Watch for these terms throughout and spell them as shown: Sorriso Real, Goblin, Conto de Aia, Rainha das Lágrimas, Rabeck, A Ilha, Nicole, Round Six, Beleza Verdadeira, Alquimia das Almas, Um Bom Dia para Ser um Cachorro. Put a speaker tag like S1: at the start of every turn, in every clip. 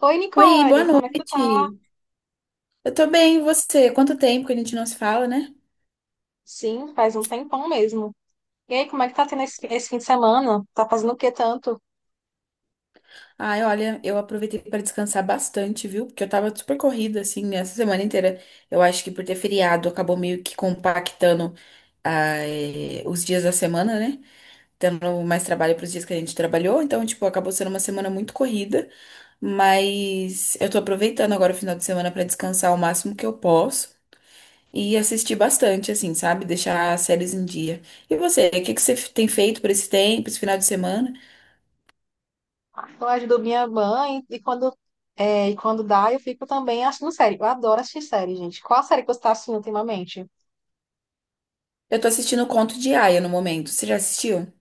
S1: Oi,
S2: Oi, boa
S1: Nicole, como é que tu
S2: noite.
S1: tá?
S2: Eu tô bem, e você? Quanto tempo que a gente não se fala, né?
S1: Sim, faz um tempão mesmo. E aí, como é que tá tendo esse fim de semana? Tá fazendo o que tanto?
S2: Ai, olha, eu aproveitei para descansar bastante, viu? Porque eu tava super corrida, assim, essa semana inteira. Eu acho que por ter feriado, acabou meio que compactando, os dias da semana, né? Tendo mais trabalho para os dias que a gente trabalhou. Então, tipo, acabou sendo uma semana muito corrida. Mas eu tô aproveitando agora o final de semana para descansar o máximo que eu posso. E assistir bastante, assim, sabe? Deixar as séries em dia. E você, o que que tem feito por esse tempo, esse final de semana?
S1: Eu ajudo minha mãe e quando dá, eu fico também assistindo série. Eu adoro assistir série, gente. Qual a série que você tá assistindo ultimamente?
S2: Eu tô assistindo o Conto de Aia no momento. Você já assistiu?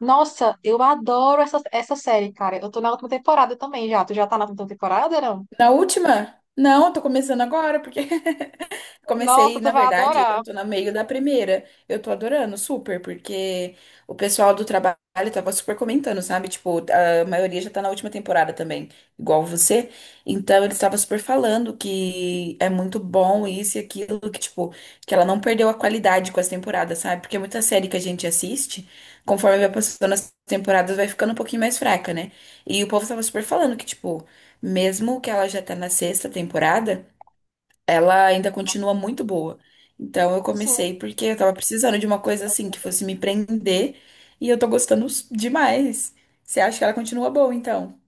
S1: Nossa, eu adoro essa série, cara. Eu tô na última temporada também já. Tu já tá na última temporada, não?
S2: Na última? Não, eu tô começando agora, porque
S1: Nossa,
S2: comecei,
S1: tu
S2: na
S1: vai
S2: verdade, eu
S1: adorar.
S2: tô no meio da primeira. Eu tô adorando, super, porque o pessoal do trabalho tava super comentando, sabe? Tipo, a maioria já tá na última temporada também, igual você. Então, eles estavam super falando que é muito bom isso e aquilo, que, tipo, que ela não perdeu a qualidade com as temporadas, sabe? Porque muita série que a gente assiste, conforme vai passando as temporadas, vai ficando um pouquinho mais fraca, né? E o povo tava super falando que, tipo, mesmo que ela já tá na sexta temporada, ela ainda continua muito boa. Então eu
S1: Sim,
S2: comecei porque eu tava precisando de uma coisa assim que fosse me prender e eu tô demais. Você acha que ela continua boa, então?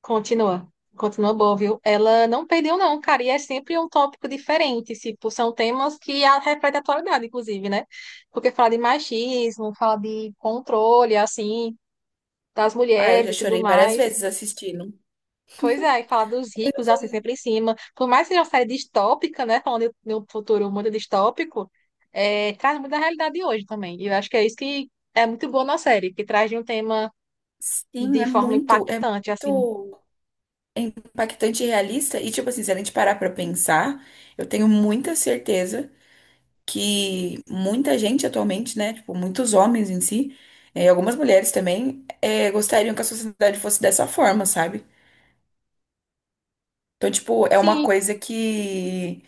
S1: continua, continua boa, viu? Ela não perdeu, não, cara, e é sempre um tópico diferente, tipo, são temas que refletem a atualidade, inclusive, né? Porque fala de machismo, fala de controle, assim, das
S2: Ah, eu
S1: mulheres
S2: já
S1: e tudo
S2: chorei várias
S1: mais.
S2: vezes assistindo.
S1: Pois é, e fala dos ricos, assim, sempre em cima. Por mais que seja uma série distópica, né? Falando de um futuro muito distópico, traz muito da realidade de hoje também. E eu acho que é isso que é muito boa na série, que traz de um tema
S2: Sim,
S1: de forma
S2: é
S1: impactante, assim.
S2: muito impactante e realista. E, tipo assim, se a gente parar pra pensar, eu tenho muita certeza que muita gente atualmente, né? Tipo, muitos homens em si, algumas mulheres também, gostariam que a sociedade fosse dessa forma, sabe? Então, tipo, é uma
S1: Sim,
S2: coisa que,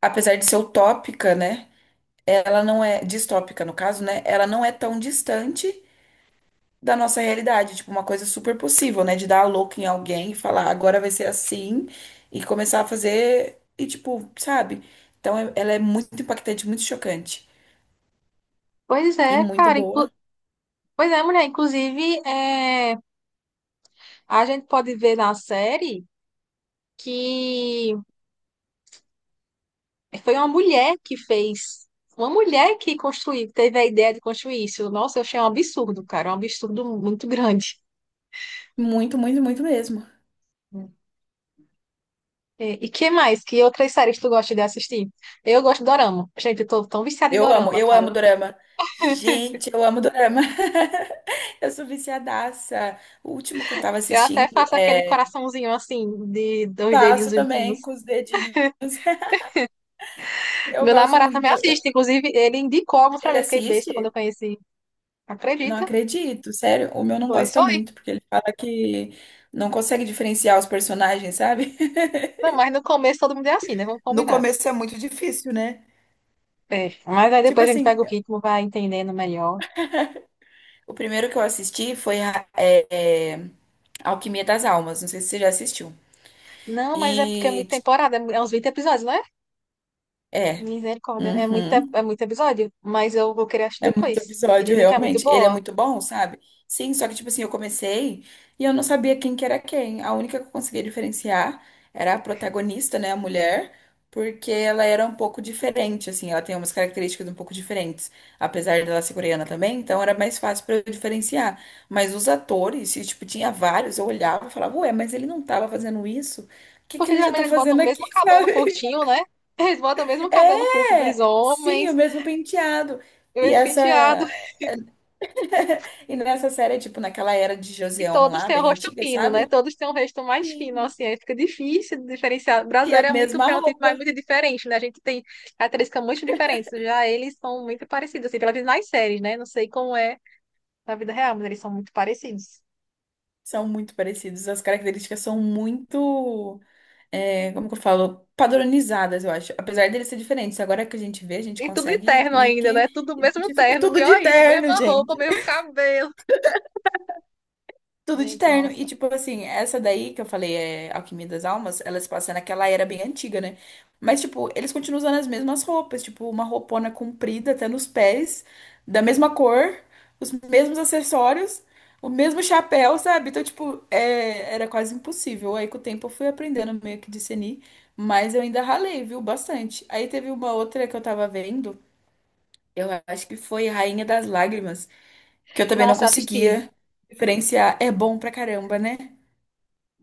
S2: apesar de ser utópica, né? Ela não é, distópica no caso, né? Ela não é tão distante da nossa realidade. Tipo, uma coisa super possível, né? De dar a louca em alguém e falar, agora vai ser assim, e começar a fazer, e tipo, sabe? Então, ela é muito impactante, muito chocante.
S1: pois
S2: E
S1: é,
S2: muito
S1: cara.
S2: boa.
S1: Pois é, mulher. Inclusive, a gente pode ver na série que foi uma mulher que fez. Uma mulher que construiu, teve a ideia de construir isso. Nossa, eu achei um absurdo, cara. Um absurdo muito grande.
S2: Muito, muito, muito mesmo.
S1: É. E que mais? Que outras séries tu gosta de assistir? Eu gosto de dorama. Gente, eu tô tão viciada em dorama,
S2: Eu
S1: cara.
S2: amo dorama. Gente, eu amo dorama. Eu sou viciadaça. O último que eu tava
S1: Eu até
S2: assistindo
S1: faço aquele
S2: é...
S1: coraçãozinho assim, de dois dedinhos
S2: Faço também
S1: limpinhos.
S2: com os dedinhos. Eu
S1: Meu
S2: gosto
S1: namorado também
S2: muito.
S1: assiste, inclusive ele indicou alguns pra
S2: Ele
S1: mim. Eu fiquei besta quando eu
S2: assiste?
S1: conheci.
S2: Não
S1: Acredita?
S2: acredito, sério. O meu não
S1: Pois
S2: gosta
S1: foi.
S2: muito, porque ele fala que não consegue diferenciar os personagens, sabe?
S1: Não, mas no começo todo mundo é assim, né? Vamos
S2: No
S1: combinar.
S2: começo é muito difícil, né?
S1: É. Mas aí
S2: Tipo
S1: depois a gente
S2: assim,
S1: pega o ritmo, vai entendendo melhor.
S2: o primeiro que eu assisti foi Alquimia das Almas. Não sei se você já assistiu.
S1: Não, mas é porque é
S2: E.
S1: muita temporada, é uns 20 episódios, não é?
S2: É.
S1: Misericórdia,
S2: Uhum.
S1: é muito episódio. Mas eu vou querer assistir
S2: É muito
S1: depois, que
S2: episódio,
S1: dizem que é muito
S2: realmente. Ele é
S1: boa.
S2: muito bom, sabe? Sim, só que, tipo assim, eu comecei e eu não sabia quem que era quem. A única que eu conseguia diferenciar era a protagonista, né, a mulher, porque ela era um pouco diferente, assim, ela tem umas características um pouco diferentes, apesar dela ser coreana também, então era mais fácil pra eu diferenciar. Mas os atores, e, tipo, tinha vários, eu olhava e falava, ué, mas ele não tava fazendo isso? O que que
S1: Porque
S2: ele já
S1: geralmente
S2: tá
S1: eles botam
S2: fazendo
S1: o
S2: aqui,
S1: mesmo cabelo
S2: sabe?
S1: curtinho, né? Eles botam o mesmo cabelo curto dos
S2: É! Sim,
S1: homens,
S2: o mesmo penteado.
S1: o
S2: E
S1: mesmo penteado.
S2: essa. E nessa série, é tipo, naquela era de
S1: E
S2: Joseon
S1: todos
S2: lá,
S1: têm o
S2: bem
S1: rosto
S2: antiga,
S1: fino, né?
S2: sabe?
S1: Todos têm um rosto mais fino,
S2: Sim.
S1: assim, aí fica difícil de diferenciar. O
S2: E a
S1: brasileiro é muito
S2: mesma
S1: fenotipo,
S2: roupa.
S1: mas muito diferente, né? A gente tem características muito diferentes. Já eles são muito parecidos, assim, pelo menos nas séries, né? Não sei como é na vida real, mas eles são muito parecidos.
S2: São muito parecidos. As características são muito, é, como que eu falo? Padronizadas, eu acho. Apesar deles ser diferentes. Agora que a gente vê, a gente
S1: E tudo de
S2: consegue
S1: terno
S2: meio
S1: ainda,
S2: que
S1: né? Tudo mesmo
S2: identificar
S1: terno,
S2: tudo
S1: pior
S2: de
S1: é isso,
S2: terno,
S1: mesma roupa,
S2: gente.
S1: mesmo cabelo.
S2: Tudo de
S1: Gente,
S2: terno. E,
S1: nossa.
S2: tipo assim, essa daí que eu falei, é Alquimia das Almas, ela se passa naquela era bem antiga, né? Mas, tipo, eles continuam usando as mesmas roupas, tipo, uma roupona comprida até nos pés, da mesma cor, os mesmos acessórios, o mesmo chapéu, sabe? Então, tipo, é, era quase impossível. Aí, com o tempo, eu fui aprendendo meio que discernir, mas eu ainda ralei, viu? Bastante. Aí teve uma outra que eu tava vendo, eu acho que foi Rainha das Lágrimas, que eu também não
S1: Nossa, eu assisti.
S2: conseguia diferenciar. É bom pra caramba, né?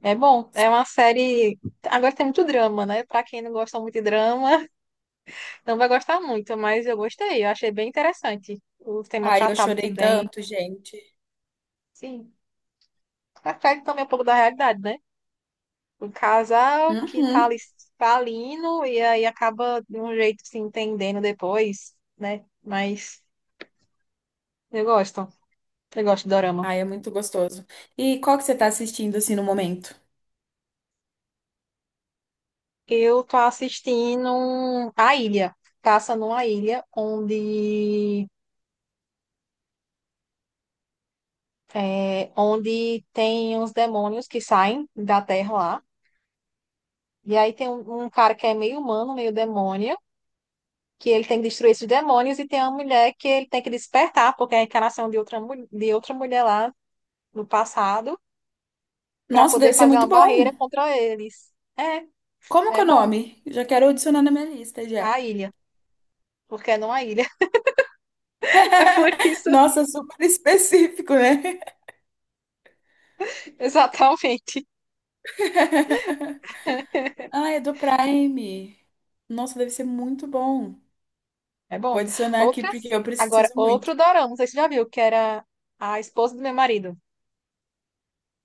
S1: É bom, é uma série. Agora tem muito drama, né? Pra quem não gosta muito de drama, não vai gostar muito, mas eu gostei. Eu achei bem interessante o tema
S2: Ai, eu
S1: tratado
S2: chorei
S1: também.
S2: tanto, gente.
S1: Sim, reflete também um pouco da realidade, né? Um casal que tá ali
S2: Uhum.
S1: falindo e aí acaba de um jeito se entendendo depois, né? Mas eu gosto. Eu gosto de dorama.
S2: Ai, é muito gostoso. E qual que você tá assistindo assim no momento?
S1: Eu tô assistindo A Ilha. Passa numa ilha onde tem uns demônios que saem da terra lá. E aí tem um cara que é meio humano, meio demônio. Que ele tem que destruir esses demônios, e tem uma mulher que ele tem que despertar, porque é a encarnação de outra, de outra mulher lá no passado, para
S2: Nossa, deve
S1: poder
S2: ser
S1: fazer
S2: muito
S1: uma
S2: bom.
S1: barreira contra eles. É,
S2: Como que
S1: é
S2: é o
S1: bom.
S2: nome? Já quero adicionar na minha lista já.
S1: A ilha, porque não a ilha. É por isso,
S2: Nossa, super específico, né?
S1: exatamente.
S2: Ah, é do Prime. Nossa, deve ser muito bom.
S1: É
S2: Vou
S1: bom.
S2: adicionar aqui porque
S1: Outras.
S2: eu
S1: Agora,
S2: preciso
S1: outro
S2: muito.
S1: dorama, não sei se você já viu, que era a esposa do meu marido,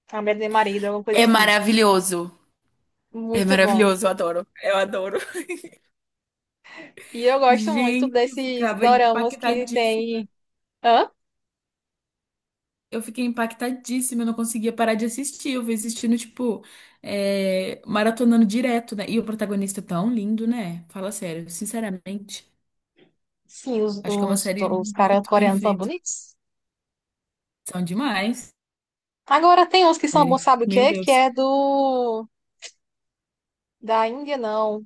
S1: a mulher do meu marido, alguma coisa
S2: É
S1: assim.
S2: maravilhoso. É
S1: Muito bom.
S2: maravilhoso, eu adoro. Eu adoro.
S1: E eu gosto muito
S2: Gente, eu
S1: desses
S2: ficava
S1: doramas que
S2: impactadíssima.
S1: tem. Hã?
S2: Eu fiquei impactadíssima, eu não conseguia parar de assistir. Eu fui assistindo, tipo, maratonando direto, né? E o protagonista é tão lindo, né? Fala sério, sinceramente.
S1: Sim, os,
S2: Acho que é uma
S1: os,
S2: série
S1: os caras
S2: muito bem
S1: coreanos são
S2: feita.
S1: bonitos.
S2: São demais,
S1: Agora tem uns que são bons,
S2: série.
S1: sabe o
S2: Meu
S1: quê? Que
S2: Deus.
S1: é do da Índia, não.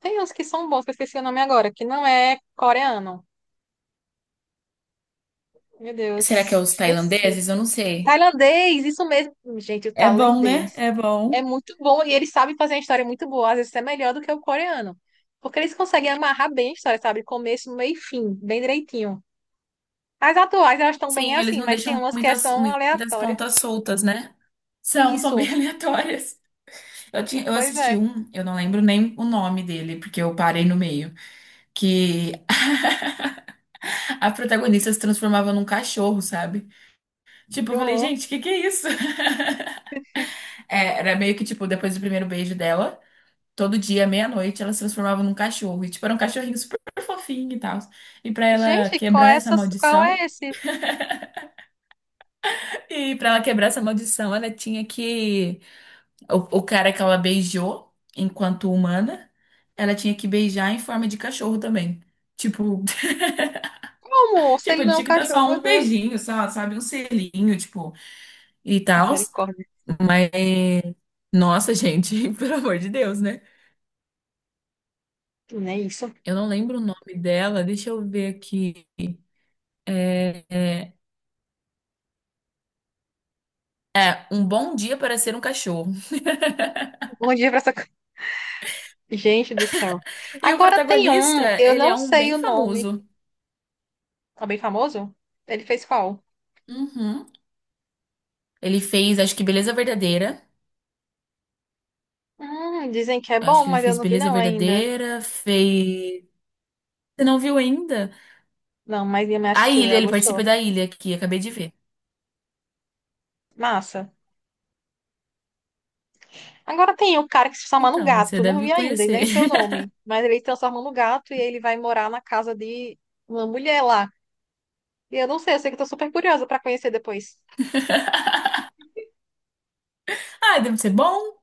S1: Tem uns que são bons, que eu esqueci o nome agora, que não é coreano. Meu
S2: Será que é
S1: Deus,
S2: os
S1: esqueci.
S2: tailandeses? Eu não sei.
S1: Tailandês, isso mesmo. Gente, o
S2: É bom, né?
S1: tailandês
S2: É
S1: é
S2: bom.
S1: muito bom e eles sabem fazer uma história muito boa, às vezes é melhor do que o coreano. Porque eles conseguem amarrar bem a história, sabe? Começo, meio e fim, bem direitinho. As atuais, elas estão bem
S2: Sim, eles
S1: assim,
S2: não
S1: mas tem
S2: deixam
S1: umas que
S2: muitas,
S1: são
S2: muitas
S1: aleatórias.
S2: pontas soltas, né? São
S1: Isso,
S2: bem aleatórias. Eu
S1: pois
S2: assisti
S1: é,
S2: um, eu não lembro nem o nome dele, porque eu parei no meio, que a protagonista se transformava num cachorro, sabe? Tipo,
S1: que
S2: eu falei,
S1: horror.
S2: gente, o que que é isso? É, era meio que, tipo, depois do primeiro beijo dela, todo dia, meia-noite, ela se transformava num cachorro. E, tipo, era um cachorrinho super fofinho e tal. E pra ela
S1: Gente,
S2: quebrar essa
S1: qual é
S2: maldição,
S1: esse?
S2: e pra ela quebrar essa maldição, ela tinha que. O cara que ela beijou enquanto humana, ela tinha que beijar em forma de cachorro também. Tipo,
S1: Como? Se
S2: tipo,
S1: ele
S2: ele
S1: não é um
S2: tinha que dar só
S1: cachorro, meu
S2: um
S1: Deus.
S2: beijinho, só, sabe? Um selinho, tipo, e tal.
S1: Misericórdia.
S2: Mas... Nossa, gente, pelo amor de Deus, né?
S1: Não é isso.
S2: Eu não lembro o nome dela, deixa eu ver aqui. É, é, Um Bom Dia para Ser um Cachorro.
S1: Bom dia pra essa. Gente do céu.
S2: E o
S1: Agora tem
S2: protagonista,
S1: um, eu
S2: ele é
S1: não
S2: um
S1: sei
S2: bem
S1: o nome.
S2: famoso.
S1: Tá bem famoso? Ele fez qual?
S2: Uhum. Ele fez, acho que Beleza Verdadeira.
S1: Dizem que é bom,
S2: Acho que ele
S1: mas eu
S2: fez
S1: não vi
S2: Beleza
S1: não ainda.
S2: Verdadeira, fez. Você não viu ainda?
S1: Não, mas minha mãe
S2: A
S1: assistiu,
S2: Ilha,
S1: ela
S2: ele
S1: gostou.
S2: participa da Ilha aqui, acabei de ver.
S1: Massa. Agora tem o cara que se transforma no
S2: Então, você
S1: gato. Não
S2: deve
S1: vi ainda, e
S2: conhecer.
S1: nem sei o nome. Mas ele se transforma no gato e ele vai morar na casa de uma mulher lá. E eu não sei, eu sei que eu tô super curiosa pra conhecer depois.
S2: Ah, deve ser bom.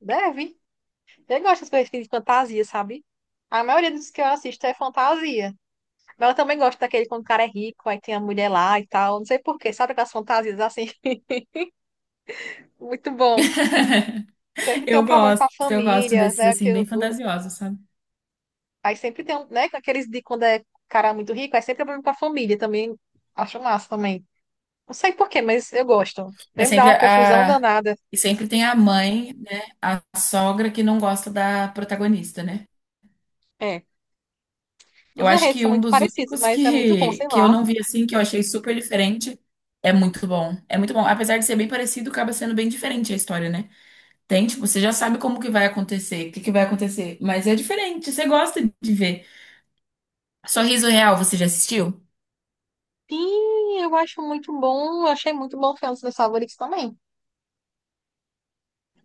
S1: Deve. Eu gosto das coisas de fantasia, sabe? A maioria dos que eu assisto é fantasia. Mas eu também gosto daquele quando o cara é rico, aí tem a mulher lá e tal. Não sei por quê, sabe aquelas fantasias assim? Muito bom. Sempre tem um problema com a
S2: Eu gosto
S1: família,
S2: desses
S1: né?
S2: assim, bem fantasiosos, sabe?
S1: Aí sempre tem, um, né? Com aqueles de quando é cara muito rico, aí sempre é problema com a família também. Acho massa também. Não sei por quê, mas eu gosto.
S2: É
S1: Deve dar
S2: sempre
S1: uma confusão
S2: a.
S1: danada.
S2: E sempre tem a mãe, né? A sogra que não gosta da protagonista, né?
S1: É.
S2: Eu
S1: Os
S2: acho
S1: enredos
S2: que
S1: são
S2: um
S1: muito
S2: dos
S1: parecidos,
S2: únicos
S1: mas é muito bom, sei
S2: que eu
S1: lá.
S2: não vi assim, que eu achei super diferente, é muito bom. É muito bom. Apesar de ser bem parecido, acaba sendo bem diferente a história, né? Tem, tipo, você já sabe como que vai acontecer, o que que vai acontecer. Mas é diferente, você gosta de ver. Sorriso Real, você já assistiu?
S1: Sim, eu acho muito bom. Eu achei muito bom o filme dos meus favoritos também.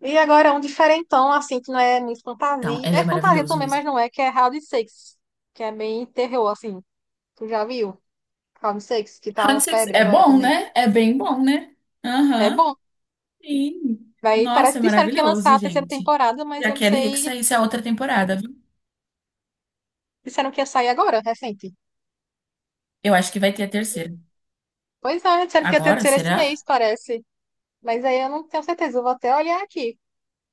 S1: E agora é um diferentão, assim, que não é muito
S2: Então,
S1: fantasia.
S2: ela
S1: É
S2: é
S1: fantasia
S2: maravilhoso
S1: também, mas
S2: mesmo.
S1: não é, que é Round Six que é bem terror, assim. Tu já viu? Round Six que tá
S2: Round
S1: uma
S2: Six
S1: febre
S2: é
S1: agora
S2: bom,
S1: também.
S2: né? É bem bom, né?
S1: É
S2: Aham.
S1: bom.
S2: Sim.
S1: Vai,
S2: Nossa,
S1: parece
S2: é
S1: que disseram que ia lançar
S2: maravilhoso,
S1: a terceira
S2: gente.
S1: temporada, mas
S2: Já
S1: eu não
S2: queria que
S1: sei.
S2: saísse a outra temporada, viu?
S1: Disseram que ia sair agora, recente.
S2: Eu acho que vai ter a terceira.
S1: Pois é, disseram que ia ter a
S2: Agora,
S1: terceira esse
S2: será?
S1: mês, parece. Mas aí eu não tenho certeza, eu vou até olhar aqui.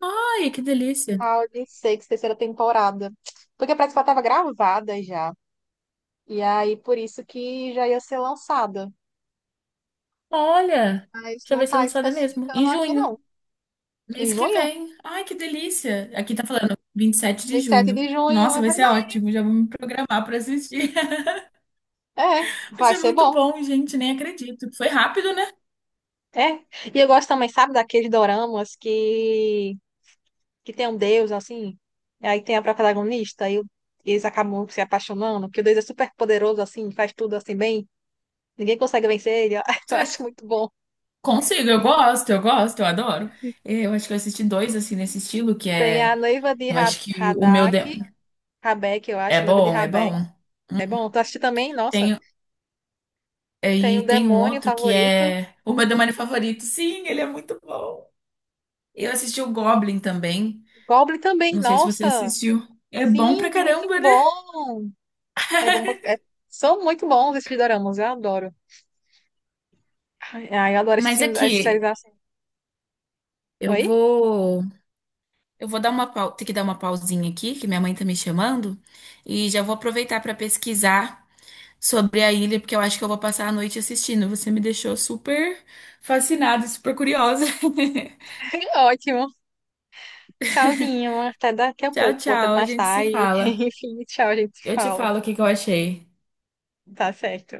S2: Ai, que delícia.
S1: Round Six terceira temporada. Porque parece que ela tava gravada já. E aí, por isso que já ia ser lançada.
S2: Olha,
S1: Mas
S2: já
S1: não
S2: vai ser
S1: está
S2: lançada mesmo,
S1: especificando
S2: em
S1: aqui,
S2: junho.
S1: não. Em
S2: Mês que
S1: junho,
S2: vem. Ai, que delícia. Aqui tá falando vinte e sete de
S1: 27
S2: junho.
S1: de junho,
S2: Nossa,
S1: é
S2: vai ser
S1: verdade.
S2: ótimo. Já vou me programar pra assistir.
S1: É,
S2: Vai
S1: vai
S2: ser
S1: ser
S2: muito
S1: bom.
S2: bom, gente. Nem acredito. Foi rápido, né?
S1: É. E eu gosto também, sabe, daqueles doramas que tem um deus, assim, e aí tem a protagonista, e eles acabam se apaixonando, porque o deus é super poderoso, assim, faz tudo assim bem, ninguém consegue vencer ele, ó. Eu
S2: Será que
S1: acho muito bom.
S2: consigo? Eu gosto, eu adoro. É, eu acho que eu assisti dois, assim, nesse estilo, que
S1: Tem a
S2: é.
S1: noiva de
S2: Eu acho que o meu.
S1: Radak, Rabeck, eu
S2: É
S1: acho, noiva de
S2: bom, é
S1: Rabeck.
S2: bom.
S1: É bom, tu assistiu também? Nossa.
S2: Tem, é,
S1: Tem o
S2: e tem um
S1: demônio
S2: outro que
S1: favorito,
S2: é o meu demônio favorito. Sim, ele é muito bom. Eu assisti o Goblin também.
S1: Goblin também,
S2: Não sei se você
S1: nossa.
S2: assistiu. É bom
S1: Sim,
S2: pra
S1: muito
S2: caramba, né?
S1: bom. É bom, são muito bons esses doramas, eu adoro. Ai, ai, eu adoro esses
S2: Mas
S1: filmes, essas séries
S2: aqui,
S1: assim.
S2: eu
S1: Oi?
S2: vou, eu vou ter que dar uma pausinha aqui, que minha mãe tá me chamando, e já vou aproveitar pra pesquisar sobre a ilha, porque eu acho que eu vou passar a noite assistindo. Você me deixou super fascinada, super curiosa.
S1: Ótimo. Tchauzinho. Até daqui a
S2: Tchau,
S1: pouco, ou até
S2: tchau, a
S1: mais
S2: gente se
S1: tarde.
S2: fala.
S1: Enfim, tchau, a gente se
S2: Eu te
S1: fala.
S2: falo o que que eu achei.
S1: Tá certo.